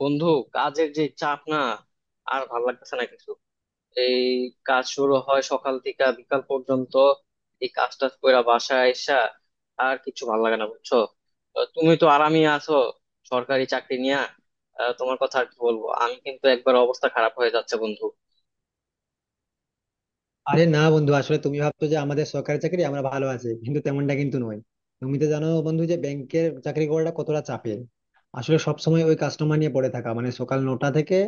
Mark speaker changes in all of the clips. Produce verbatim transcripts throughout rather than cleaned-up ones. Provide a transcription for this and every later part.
Speaker 1: বন্ধু, কাজের যে চাপ না, আর ভাল লাগতেছে না কিছু। এই কাজ শুরু হয় সকাল থেকে বিকাল পর্যন্ত। এই কাজ টাজ কইরা বাসায় আইসা আর কিছু ভাল লাগে না, বুঝছো। আহ, তুমি তো আরামে আছো সরকারি চাকরি নিয়া। আহ, তোমার কথা আর কি বলবো, আমি কিন্তু একবার অবস্থা খারাপ হয়ে যাচ্ছে বন্ধু।
Speaker 2: আরে না বন্ধু আসলে তুমি ভাবছো যে আমাদের সরকারি চাকরি আমরা ভালো আছি, কিন্তু তেমনটা কিন্তু নয়। তুমি তো জানো বন্ধু যে ব্যাংকের চাকরি করাটা কতটা চাপের। আসলে সব সময় ওই কাস্টমার নিয়ে পড়ে থাকা, মানে সকাল নটা থেকে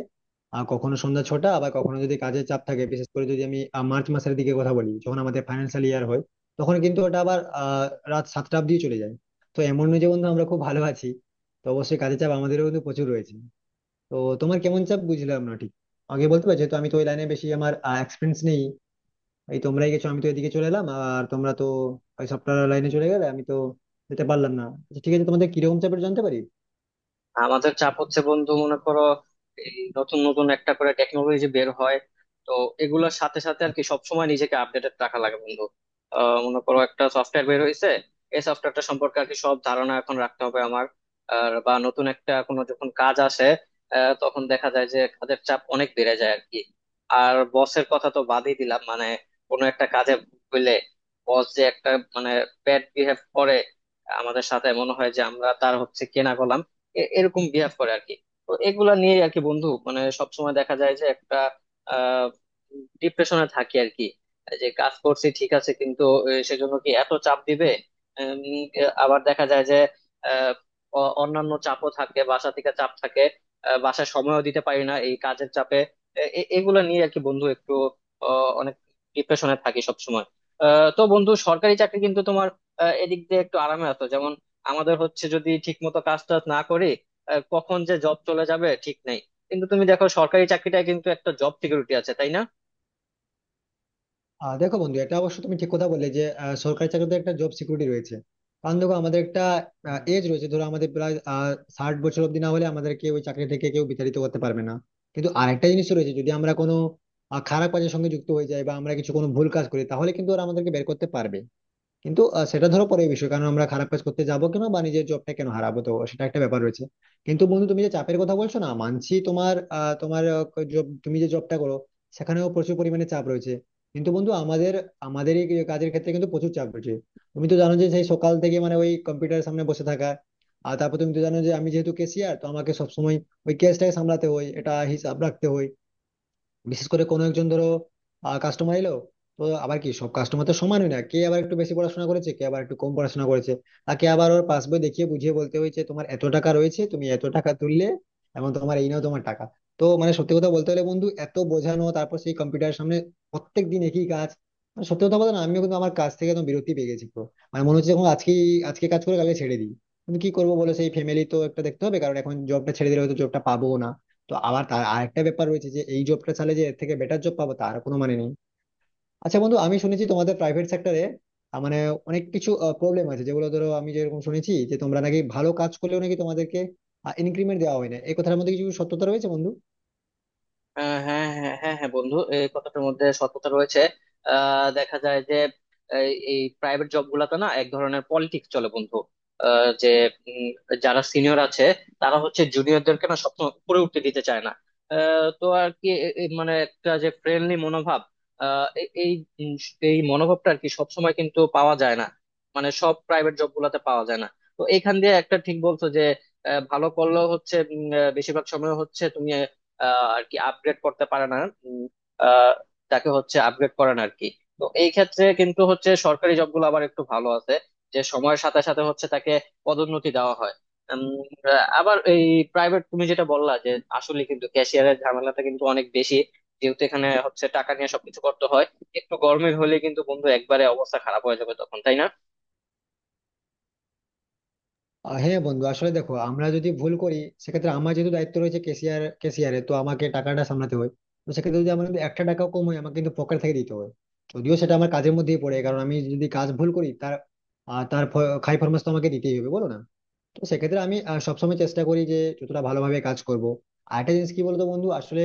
Speaker 2: আর কখনো সন্ধ্যা ছটা, আবার কখনো যদি কাজের চাপ থাকে, বিশেষ করে যদি আমি আহ, মার্চ মাসের দিকে কথা বলি, যখন আমাদের ফাইন্যান্সিয়াল ইয়ার হয়, তখন কিন্তু ওটা আবার আহ রাত সাতটা অব্দি চলে যায়। তো এমন নয় যে বন্ধু আমরা খুব ভালো আছি। তো অবশ্যই কাজের চাপ আমাদেরও কিন্তু প্রচুর রয়েছে। তো তোমার কেমন চাপ বুঝলাম না ঠিক। আগে বলতে পারছি, তো আমি তো ওই লাইনে বেশি আমার এক্সপিরিয়েন্স নেই। এই তোমরাই গেছো, আমি তো এদিকে চলে এলাম আর তোমরা তো ওই সফটওয়্যার লাইনে চলে গেলে, আমি তো যেতে পারলাম না। আচ্ছা ঠিক আছে, তোমাদের কিরকম চাপের জানতে পারি?
Speaker 1: আমাদের চাপ হচ্ছে বন্ধু, মনে করো এই নতুন নতুন একটা করে টেকনোলজি বের হয়। তো এগুলোর সাথে সাথে আর কি সবসময় নিজেকে আপডেটেড রাখা লাগে বন্ধু। আহ, মনে করো একটা সফটওয়্যার বের হয়েছে। এই সফটওয়্যারটা সম্পর্কে আর কি সব ধারণা এখন রাখতে হবে আমার। আর বা নতুন একটা কোনো যখন কাজ আসে, আহ, তখন দেখা যায় যে কাজের চাপ অনেক বেড়ে যায় আর কি। আর বসের কথা তো বাদই দিলাম, মানে কোনো একটা কাজে হইলে বস যে একটা, মানে, ব্যাড বিহেভ করে আমাদের সাথে, মনে হয় যে আমরা তার হচ্ছে কেনা গোলাম। এ- এরকম বিহেভ করে আর কি। তো এগুলা নিয়ে আর কি বন্ধু, মানে সবসময় দেখা যায় যে একটা আহ ডিপ্রেশনে থাকি আর কি। যে কাজ করছি ঠিক আছে, কিন্তু আহ, সেজন্য কি এত চাপ দিবে। উম, আবার দেখা যায় যে আহ, অ- অন্যান্য চাপও থাকে, বাসা থেকে চাপ থাকে। আহ, বাসায় সময়ও দিতে পারি না এই কাজের চাপে। এ- এ- এগুলা নিয়ে আর কি বন্ধু, একটু আহ, অনেক ডিপ্রেশনে থাকি সবসময়। আহ, তো বন্ধু, সরকারি চাকরি কিন্তু তোমার আহ, এদিক দিয়ে একটু আরামে আছো যেমন। আমাদের হচ্ছে যদি ঠিক মতো কাজ টাজ না করি, আহ, কখন যে জব চলে যাবে ঠিক নেই। কিন্তু তুমি দেখো সরকারি চাকরিটায় কিন্তু একটা জব সিকিউরিটি আছে, তাই না?
Speaker 2: আহ দেখো বন্ধু, এটা অবশ্য তুমি ঠিক কথা বললে যে আহ, সরকারি চাকরিতে একটা জব সিকিউরিটি রয়েছে। কারণ দেখো আমাদের একটা এজ রয়েছে, ধরো আমাদের প্রায় আহ, ষাট বছর অব্দি না হলে আমাদেরকে ওই চাকরি থেকে কেউ বিতাড়িত করতে পারবে না। কিন্তু আরেকটা জিনিস রয়েছে, যদি আমরা কোনো আহ, খারাপ কাজের সঙ্গে যুক্ত হয়ে যাই বা আমরা কিছু কোনো ভুল কাজ করি, তাহলে কিন্তু ওরা আমাদেরকে বের করতে পারবে। কিন্তু আহ, সেটা ধরো পরের বিষয়, কারণ আমরা খারাপ কাজ করতে যাবো কেন বা নিজের জবটা কেন হারাবো, তো সেটা একটা ব্যাপার রয়েছে। কিন্তু বন্ধু তুমি যে চাপের কথা বলছো না, মানছি, তোমার আহ, তোমার আহ, ক- job- তুমি যে জবটা করো সেখানেও প্রচুর পরিমাণে চাপ রয়েছে। কিন্তু বন্ধু আমাদের আমাদের এই কাজের ক্ষেত্রে কিন্তু প্রচুর চাপ রয়েছে। তুমি তো জানো যে সেই সকাল থেকে, মানে ওই কম্পিউটারের সামনে বসে থাকা। আর তারপর তুমি তো জানো যে আমি যেহেতু কেসিয়ার, তো আমাকে সবসময় ওই কেসটাকে সামলাতে হয়, এটা হিসাব রাখতে হয়। বিশেষ করে কোনো একজন ধরো কাস্টমার এলো, তো আবার কি সব কাস্টমার তো সমান হয় না, কে আবার একটু বেশি পড়াশোনা করেছে, কে আবার একটু কম পড়াশোনা করেছে। তাকে আবার ওর পাসবই দেখিয়ে বুঝিয়ে বলতে হয়েছে, তোমার এত টাকা রয়েছে, তুমি এত টাকা তুললে, এবং তোমার এই নাও তোমার টাকা। তো মানে সত্যি কথা বলতে হলে বন্ধু, এত বোঝানো, তারপর সেই কম্পিউটারের সামনে প্রত্যেক দিন একই কাজ। মানে সত্যি কথা বলতে না, আমিও কিন্তু আমার কাজ থেকে একদম বিরতি পেয়ে গেছি পুরো। মানে মনে হচ্ছে, এখন আজকে আজকে কাজ করে কালকে ছেড়ে দিই। কিন্তু কি করবো বলো, সেই ফ্যামিলি তো একটা দেখতে হবে, কারণ এখন জবটা ছেড়ে দিলে হয়তো জবটা পাবো না। তো আবার তার আরেকটা ব্যাপার রয়েছে, যে এই জবটা চালে যে এর থেকে বেটার জব পাবো তার কোনো মানে নেই। আচ্ছা বন্ধু, আমি শুনেছি তোমাদের প্রাইভেট সেক্টরে, মানে অনেক কিছু প্রবলেম আছে, যেগুলো ধরো আমি যেরকম শুনেছি যে তোমরা নাকি ভালো কাজ করলেও নাকি তোমাদেরকে ইনক্রিমেন্ট দেওয়া হয় না, এই কথার মধ্যে কিছু সত্যতা রয়েছে বন্ধু?
Speaker 1: আহ, হ্যাঁ, হ্যাঁ, হ্যাঁ, হ্যাঁ বন্ধু, এই কথাটার মধ্যে সত্যতা রয়েছে। আহ দেখা যায় যে এই প্রাইভেট জব গুলাতে না এক ধরনের পলিটিক্স চলে বন্ধু। যে উম, যারা সিনিয়র আছে তারা হচ্ছে জুনিয়রদেরকে না সবসময় উপরে উঠতে দিতে চায় না। আহ, তো আর কি এ- এ- মানে একটা যে ফ্রেন্ডলি মনোভাব, আহ, এ- এই উম, এই মনোভাবটা আর কি সবসময় কিন্তু পাওয়া যায় না। মানে সব প্রাইভেট জব গুলাতে পাওয়া যায় না। তো এইখান দিয়ে একটা ঠিক বলছো যে আহ, ভালো করলেও হচ্ছে উম, আহ, বেশিরভাগ সময় হচ্ছে তুমি আহ, আর কি আপগ্রেড করতে পারে না। উম, আহ, তাকে হচ্ছে আপগ্রেড করে না আর কি। তো এই ক্ষেত্রে কিন্তু হচ্ছে সরকারি জবগুলো আবার একটু ভালো আছে যে সময়ের সাথে সাথে হচ্ছে তাকে পদোন্নতি দেওয়া হয়। উম, আবার এই প্রাইভেট তুমি যেটা বললা যে আসলে কিন্তু ক্যাশিয়ারের ঝামেলাটা কিন্তু অনেক বেশি, যেহেতু এখানে হচ্ছে টাকা নিয়ে সবকিছু করতে হয়। একটু গরমের হলে কিন্তু বন্ধু একবারে অবস্থা খারাপ হয়ে যাবে তখন, তাই না?
Speaker 2: আহ, হ্যাঁ বন্ধু, আসলে দেখো আমরা যদি ভুল করি, সেক্ষেত্রে আমার যেহেতু দায়িত্ব রয়েছে, ক্যাশিয়ার, ক্যাশিয়ারে তো আমাকে টাকাটা সামলাতে হয়। তো সেক্ষেত্রে যদি আমার, যদি একটা টাকাও কম হয়, আমাকে কিন্তু পকেট থেকে দিতে হয়। যদিও সেটা আমার কাজের মধ্যেই পড়ে, কারণ আমি যদি কাজ ভুল করি তার আহ, তার ফ- খাই ফরমাস তো আমাকে দিতেই হবে, বলো না। তো সেক্ষেত্রে আমি আহ, সবসময় চেষ্টা করি যে যতটা ভালোভাবে কাজ করব। আর একটা জিনিস কি বলতো বন্ধু, আসলে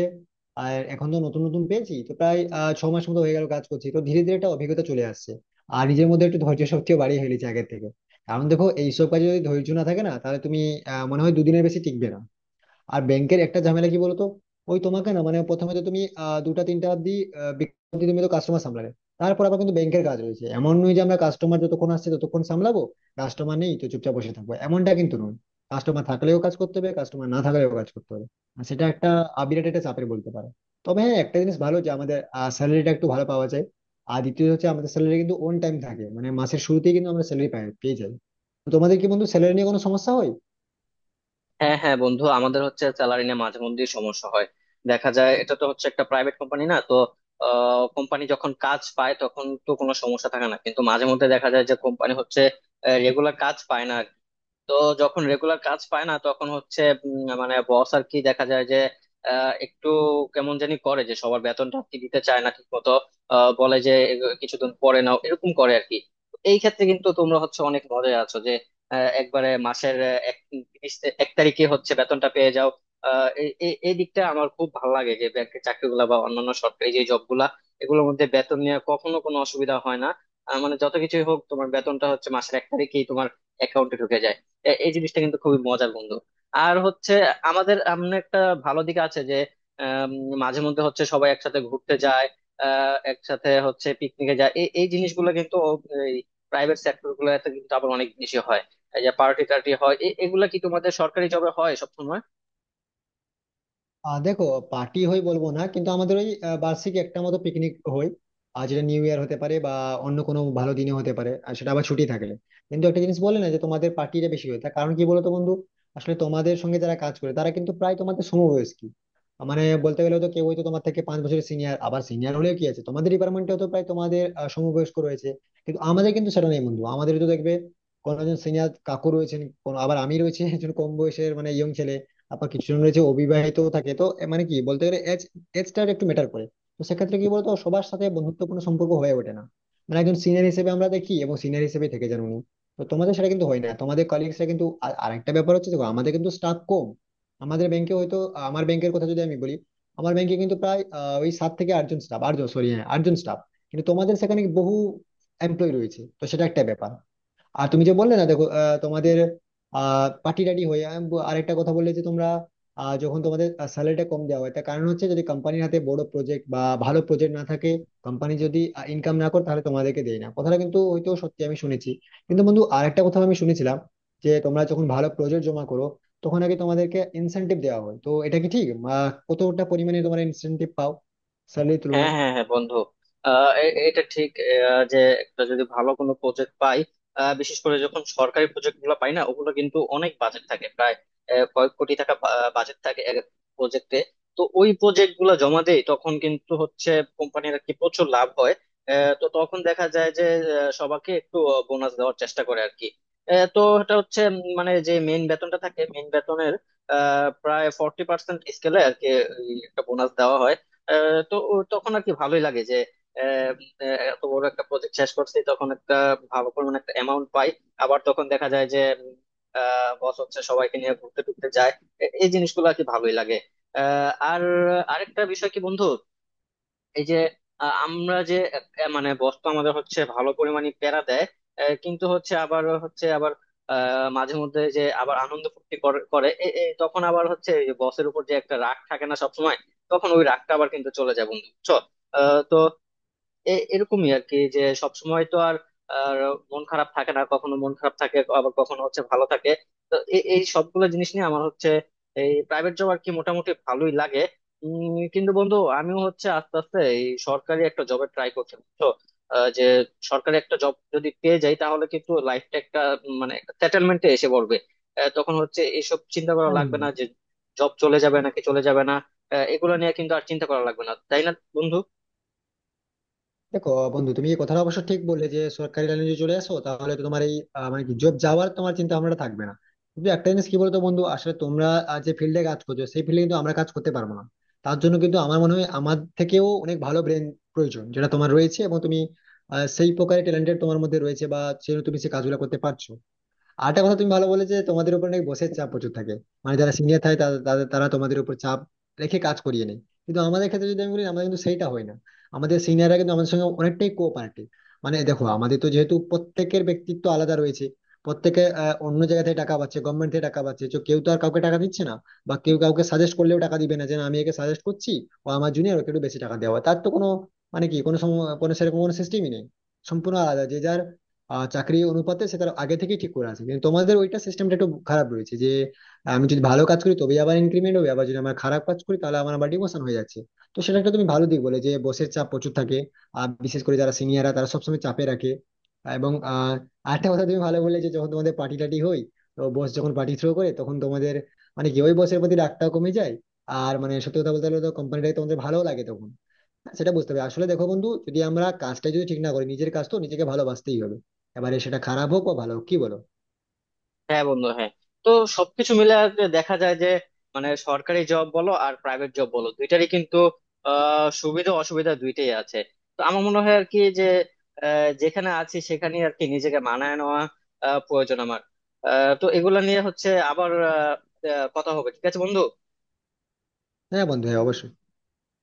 Speaker 2: আর এখন তো নতুন নতুন পেয়েছি, তো প্রায় আহ, ছ মাস মতো হয়ে গেল কাজ করছি, তো ধীরে ধীরে একটা অভিজ্ঞতা চলে আসছে। আর নিজের মধ্যে একটু ধৈর্য শক্তিও বাড়িয়ে ফেলেছি আগের থেকে। কারণ দেখো এইসব কাজে যদি ধৈর্য না থাকে না, তাহলে তুমি আহ, মনে হয় দুদিনের বেশি টিকবে না। আর ব্যাংকের একটা ঝামেলা কি বলতো, ওই তোমাকে না মানে প্রথমে তো তুমি আহ, দুটা তিনটা অব্দি, আহ, বিকেল অব্দি তুমি তো কাস্টমার সামলাবে। তারপর আবার কিন্তু ব্যাংকের কাজ রয়েছে, এমন নয় যে আমরা কাস্টমার যতক্ষণ আসছে ততক্ষণ সামলাবো। কাস্টমার নেই তো চুপচাপ বসে থাকবো, এমনটা কিন্তু নয়। কাস্টমার থাকলেও কাজ করতে হবে, কাস্টমার না থাকলেও কাজ করতে হবে। আর সেটা একটা আহ, বিরাট একটা চাপের বলতে পারো। তবে হ্যাঁ, একটা জিনিস ভালো, যে আমাদের স্যালারিটা একটু ভালো পাওয়া যায়। আর দ্বিতীয় হচ্ছে আমাদের স্যালারি কিন্তু অন টাইম থাকে, মানে মাসের শুরুতেই কিন্তু আমরা স্যালারি পাই পেয়ে যাই। তো তোমাদের কি বন্ধু স্যালারি নিয়ে কোনো সমস্যা হয়?
Speaker 1: হ্যাঁ, হ্যাঁ বন্ধু, আমাদের হচ্ছে স্যালারি নিয়ে মাঝে মধ্যেই সমস্যা হয়। দেখা যায় এটা তো হচ্ছে একটা প্রাইভেট কোম্পানি না তো। কোম্পানি যখন কাজ পায় তখন তো কোনো সমস্যা থাকে না, কিন্তু মাঝে মধ্যে দেখা যায় যে কোম্পানি হচ্ছে রেগুলার কাজ পায় না। তো যখন রেগুলার কাজ পায় না তখন হচ্ছে উম, মানে বস আর কি দেখা যায় যে আহ, একটু কেমন জানি করে যে সবার বেতনটা আর কি দিতে চায় না ঠিক মতো। বলে যে এগ- কিছুদিন পরে নাও, এরকম করে আর কি। এই ক্ষেত্রে কিন্তু তোমরা হচ্ছে অনেক মজায় আছো যে আহ, একবারে মাসের আহ, এক তিরিশ তে- এক তারিখে হচ্ছে বেতনটা পেয়ে যাও। আহ, এই এই এই দিকটা আমার খুব ভালো লাগে যে ব্যাংকের চাকরিগুলা বা অন্যান্য সরকারি যে জবগুলা, এগুলোর মধ্যে বেতন নিয়ে কখনো কোনো অসুবিধা হয় না। আহ, মানে যত কিছুই হোক তোমার বেতনটা হচ্ছে মাসের এক তারিখেই তোমার অ্যাকাউন্টে ঢুকে যায়। এ- এই জিনিসটা কিন্তু খুবই মজার বন্ধু। আর হচ্ছে আমাদের এমন একটা ভালো দিক আছে যে আম, মাঝে মধ্যে হচ্ছে সবাই একসাথে ঘুরতে যায়। আহ, একসাথে হচ্ছে পিকনিকে যায়, এই এই জিনিসগুলো কিন্তু প্রাইভেট সেক্টর গুলোতে কিন্তু আবার অনেক বেশি হয়। এই যে পার্টি টার্টি হয়, এ- এগুলা কি তোমাদের সরকারি জবে হয় সবসময়?
Speaker 2: আহ দেখো, পার্টি হয় বলবো না, কিন্তু আমাদের ওই আহ, বার্ষিক একটা মতো পিকনিক হয়। আর যেটা নিউ ইয়ার হতে পারে বা অন্য কোনো ভালো দিনে হতে পারে, আর সেটা আবার ছুটি থাকলে। কিন্তু একটা জিনিস বলে না, যে তোমাদের পার্টিটা বেশি হয়, তার কারণ কি বলতো বন্ধু? আসলে তোমাদের সঙ্গে যারা কাজ করে তারা কিন্তু প্রায় তোমাদের সমবয়স্ক। মানে বলতে গেলে তো কেউ হয়তো তোমার থেকে পাঁচ বছরের সিনিয়র, আবার সিনিয়র হলেও কি আছে, তোমাদের ডিপার্টমেন্টে তো প্রায় তোমাদের আহ, সমবয়স্ক রয়েছে। কিন্তু আমাদের কিন্তু সেটা নেই বন্ধু, আমাদের তো দেখবে কোনো একজন সিনিয়র কাকু রয়েছেন, কোনো আবার আমি রয়েছে একজন কম বয়সের মানে ইয়ং ছেলে। আবার কিছুজন রয়েছে অবিবাহিত থাকে, তো এ মানে কি বলতে গেলে এজ এজটা একটু ম্যাটার করে। তো সেক্ষেত্রে কি বলতো সবার সাথে বন্ধুত্বপূর্ণ সম্পর্ক হয়ে ওঠে না। মানে একজন সিনিয়র হিসেবে আমরা দেখি, এবং সিনিয়র হিসেবে থেকে যান উনি। তো তোমাদের সেটা কিন্তু হয় না, তোমাদের কলিগসরা কিন্তু, আর আরেকটা ব্যাপার হচ্ছে, দেখো আমাদের কিন্তু স্টাফ কম। আমাদের ব্যাংকে হয়তো, আমার ব্যাংকের কথা যদি আমি বলি, আমার ব্যাংকে কিন্তু প্রায় আহ, ওই সাত থেকে আটজন স্টাফ, আটজন সরি, হ্যাঁ আটজন স্টাফ। কিন্তু তোমাদের সেখানে বহু এমপ্লয়ি রয়েছে, তো সেটা একটা ব্যাপার। আর তুমি যে বললে না, দেখো আহ, তোমাদের আহ পার্টি টাটি হয়ে, আমি ব- আরেকটা কথা বললে যে তোমরা আহ, যখন তোমাদের স্যালারিটা কম দেওয়া হয়, তার কারণ হচ্ছে যদি কোম্পানির হাতে বড় প্রজেক্ট বা ভালো প্রজেক্ট না থাকে। কোম্পানি যদি ইনকাম না করে, তাহলে তোমাদেরকে দেয় না, কথাটা কিন্তু হয়তো সত্যি, আমি শুনেছি। কিন্তু বন্ধু আরেকটা কথা আমি শুনেছিলাম, যে তোমরা যখন ভালো প্রজেক্ট জমা করো, তখন আগে তোমাদেরকে ইনসেনটিভ দেওয়া হয়, তো এটা কি ঠিক? আহ, কতটা পরিমাণে তোমরা ইনসেনটিভ পাও স্যালারির
Speaker 1: হ্যাঁ,
Speaker 2: তুলনায়?
Speaker 1: হ্যাঁ, হ্যাঁ বন্ধু। আহ, এ- এটা ঠিক, আহ, যে একটা যদি ভালো কোনো প্রজেক্ট পাই, আহ, বিশেষ করে যখন সরকারি প্রজেক্ট গুলো পাই না, ওগুলো কিন্তু অনেক বাজেট থাকে প্রায়। আহ, কয়েক কোটি টাকা বাজেট থাকে এক প্রজেক্টে। তো ওই প্রজেক্ট গুলো জমা দেই তখন কিন্তু হচ্ছে কোম্পানির আর কি প্রচুর লাভ হয়। আহ, তো তখন দেখা যায় যে আহ, সবাইকে একটু বোনাস দেওয়ার চেষ্টা করে আর কি। আহ, তো এটা হচ্ছে উম, মানে যে মেইন বেতনটা থাকে, মেইন বেতনের আহ, প্রায় ফোরটি পার্সেন্ট স্কেলে আর কি এই একটা বোনাস দেওয়া হয়। আহ, তো ও- তখন আর কি ভালোই লাগে যে আহ, আহ, এত বড় একটা প্রজেক্ট শেষ করছি, তখন একটা ভালো পরিমাণ একটা অ্যামাউন্ট পাই। আবার তখন দেখা যায় যে বস হচ্ছে সবাইকে নিয়ে ঘুরতে টুরতে যায়। এ- এই জিনিসগুলো আর কি ভালোই লাগে। আহ, আর আরেকটা বিষয় কি বন্ধু, এই যে আহ, আমরা যে আহ, মানে বস তো আমাদের হচ্ছে ভালো পরিমাণে প্যারা দেয়। আহ, কিন্তু হচ্ছে আবার হচ্ছে আবার আহ, মাঝে মধ্যে যে আবার আনন্দ ফুর্তি করে করে, এ- এ তখন আবার হচ্ছে বসের উপর যে একটা রাগ থাকে না সবসময়, তখন ওই রাগটা আবার কিন্তু চলে যায় বন্ধু, বুঝছো। আহ, তো এ- এরকমই আর কি যে সব সময় তো আর আর মন খারাপ থাকে না, কখনো মন খারাপ থাকে আবার কখনো হচ্ছে ভালো থাকে। তো এ- এই সবগুলো জিনিস নিয়ে আমার হচ্ছে এই প্রাইভেট জব আর কি মোটামুটি ভালোই লাগে। উম, কিন্তু বন্ধু আমিও হচ্ছে আস্তে আস্তে এই সরকারি একটা জবে ট্রাই করছি। তো যে সরকারি একটা জব যদি পেয়ে যাই তাহলে কিন্তু লাইফটা একটা উম, মানে একটা সেটেলমেন্টে এসে পড়বে। আহ, তখন হচ্ছে এসব চিন্তা করা লাগবে না যে জব চলে যাবে নাকি চলে যাবে না। আহ, এগুলো নিয়ে কিন্তু আর চিন্তা করা লাগবে না, তাই না বন্ধু?
Speaker 2: দেখো বন্ধু তুমি এই কথাটা অবশ্য ঠিক বললে, যে সরকারি লাইনে যদি চলে আসো, তাহলে তো তোমার এই আহ, মানে কি জব যাওয়ার তোমার চিন্তা ভাবনাটা থাকবে না। কিন্তু একটা জিনিস কি বলতো বন্ধু, আসলে তোমরা আহ, যে ফিল্ডে কাজ করছো সেই ফিল্ডে কিন্তু আমরা কাজ করতে পারবো না। তার জন্য কিন্তু আমার মনে হয় আমার থেকেও অনেক ভালো ব্রেন প্রয়োজন, যেটা তোমার রয়েছে, এবং তুমি আহ, সেই প্রকারের ট্যালেন্টেড তোমার মধ্যে রয়েছে, বা সেই তুমি সেই কাজগুলো করতে পারছো। আর একটা কথা তুমি ভালো বলে, যে তোমাদের উপর নাকি বসের চাপ প্রচুর থাকে, মানে যারা সিনিয়র থাকে তাদের তাদের- তারা তোমাদের উপর চাপ রেখে কাজ করিয়ে নেয়। কিন্তু আমাদের ক্ষেত্রে যদি আমি বলি, আমাদের কিন্তু সেইটা হয় না, আমাদের সিনিয়ররা কিন্তু আমাদের সঙ্গে অনেকটাই কোঅপারেটিভ। মানে দেখো আমাদের তো যেহেতু প্রত্যেকের ব্যক্তিত্ব আলাদা রয়েছে। প্রত্যেকে আহ, অন্য জায়গা থেকে টাকা পাচ্ছে, গভর্নমেন্ট থেকে টাকা পাচ্ছে, তো কেউ তো আর কাউকে টাকা দিচ্ছে না। বা কেউ কাউকে সাজেস্ট করলেও টাকা দিবে না, যে না, আমি একে সাজেস্ট করছি, ও আমার জুনিয়র, ওকে একটু বেশি টাকা দেওয়া, তার তো কোনো মানে কি, কোনো সম- কোনো সেরকম কোনো সিস্টেমই নেই। সম্পূর্ণ আলাদা, যে যার আহ চাকরি অনুপাতে সে তার আগে থেকে ঠিক করে আছে। কিন্তু তোমাদের ওইটা সিস্টেমটা একটু খারাপ রয়েছে, যে আমি যদি ভালো কাজ করি তবেই আবার ইনক্রিমেন্ট হবে, আবার যদি আমার খারাপ কাজ করি তাহলে আমার আবার ডিমোশন হয়ে যাচ্ছে। তো সেটা একটা তুমি ভালো দিক বলে যে বসের চাপ প্রচুর থাকে, আর বিশেষ করে যারা সিনিয়ররা তারা সবসময় চাপে রাখে। এবং আহ আরেকটা কথা তুমি ভালো বলে যে যখন তোমাদের পার্টি টাটি হয়, তো বস যখন পার্টি থ্রো করে, তখন তোমাদের মানে কি ওই বসের প্রতি রাগটাও কমে যায়। আর মানে সত্যি কথা বলতে গেলে তো কোম্পানিটাকে তোমাদের ভালো লাগে তখন। সেটা বুঝতে হবে, আসলে দেখো বন্ধু, যদি আমরা কাজটা যদি ঠিক না করি, নিজের কাজ তো নিজেকে ভালোবাসতেই হবে। এবারে সেটা খারাপ হোক বা ভালো হোক, কি বলো?
Speaker 1: হ্যাঁ বন্ধু, হ্যাঁ। তো সবকিছু মিলে আর কি দেখা যায় যে মানে সরকারি জব বলো আর প্রাইভেট জব বলো দুইটারই কিন্তু আহ, সুবিধা অসুবিধা দুইটাই আছে। তো আমার মনে হয় আর কি যে আহ, যেখানে আছি সেখানে আর কি নিজেকে মানায় নেওয়া আহ, প্রয়োজন আমার। আহ, তো এগুলা নিয়ে হচ্ছে আবার আহ, আহ, কথা হবে, ঠিক আছে বন্ধু।
Speaker 2: হ্যাঁ বন্ধু, হ্যাঁ অবশ্যই।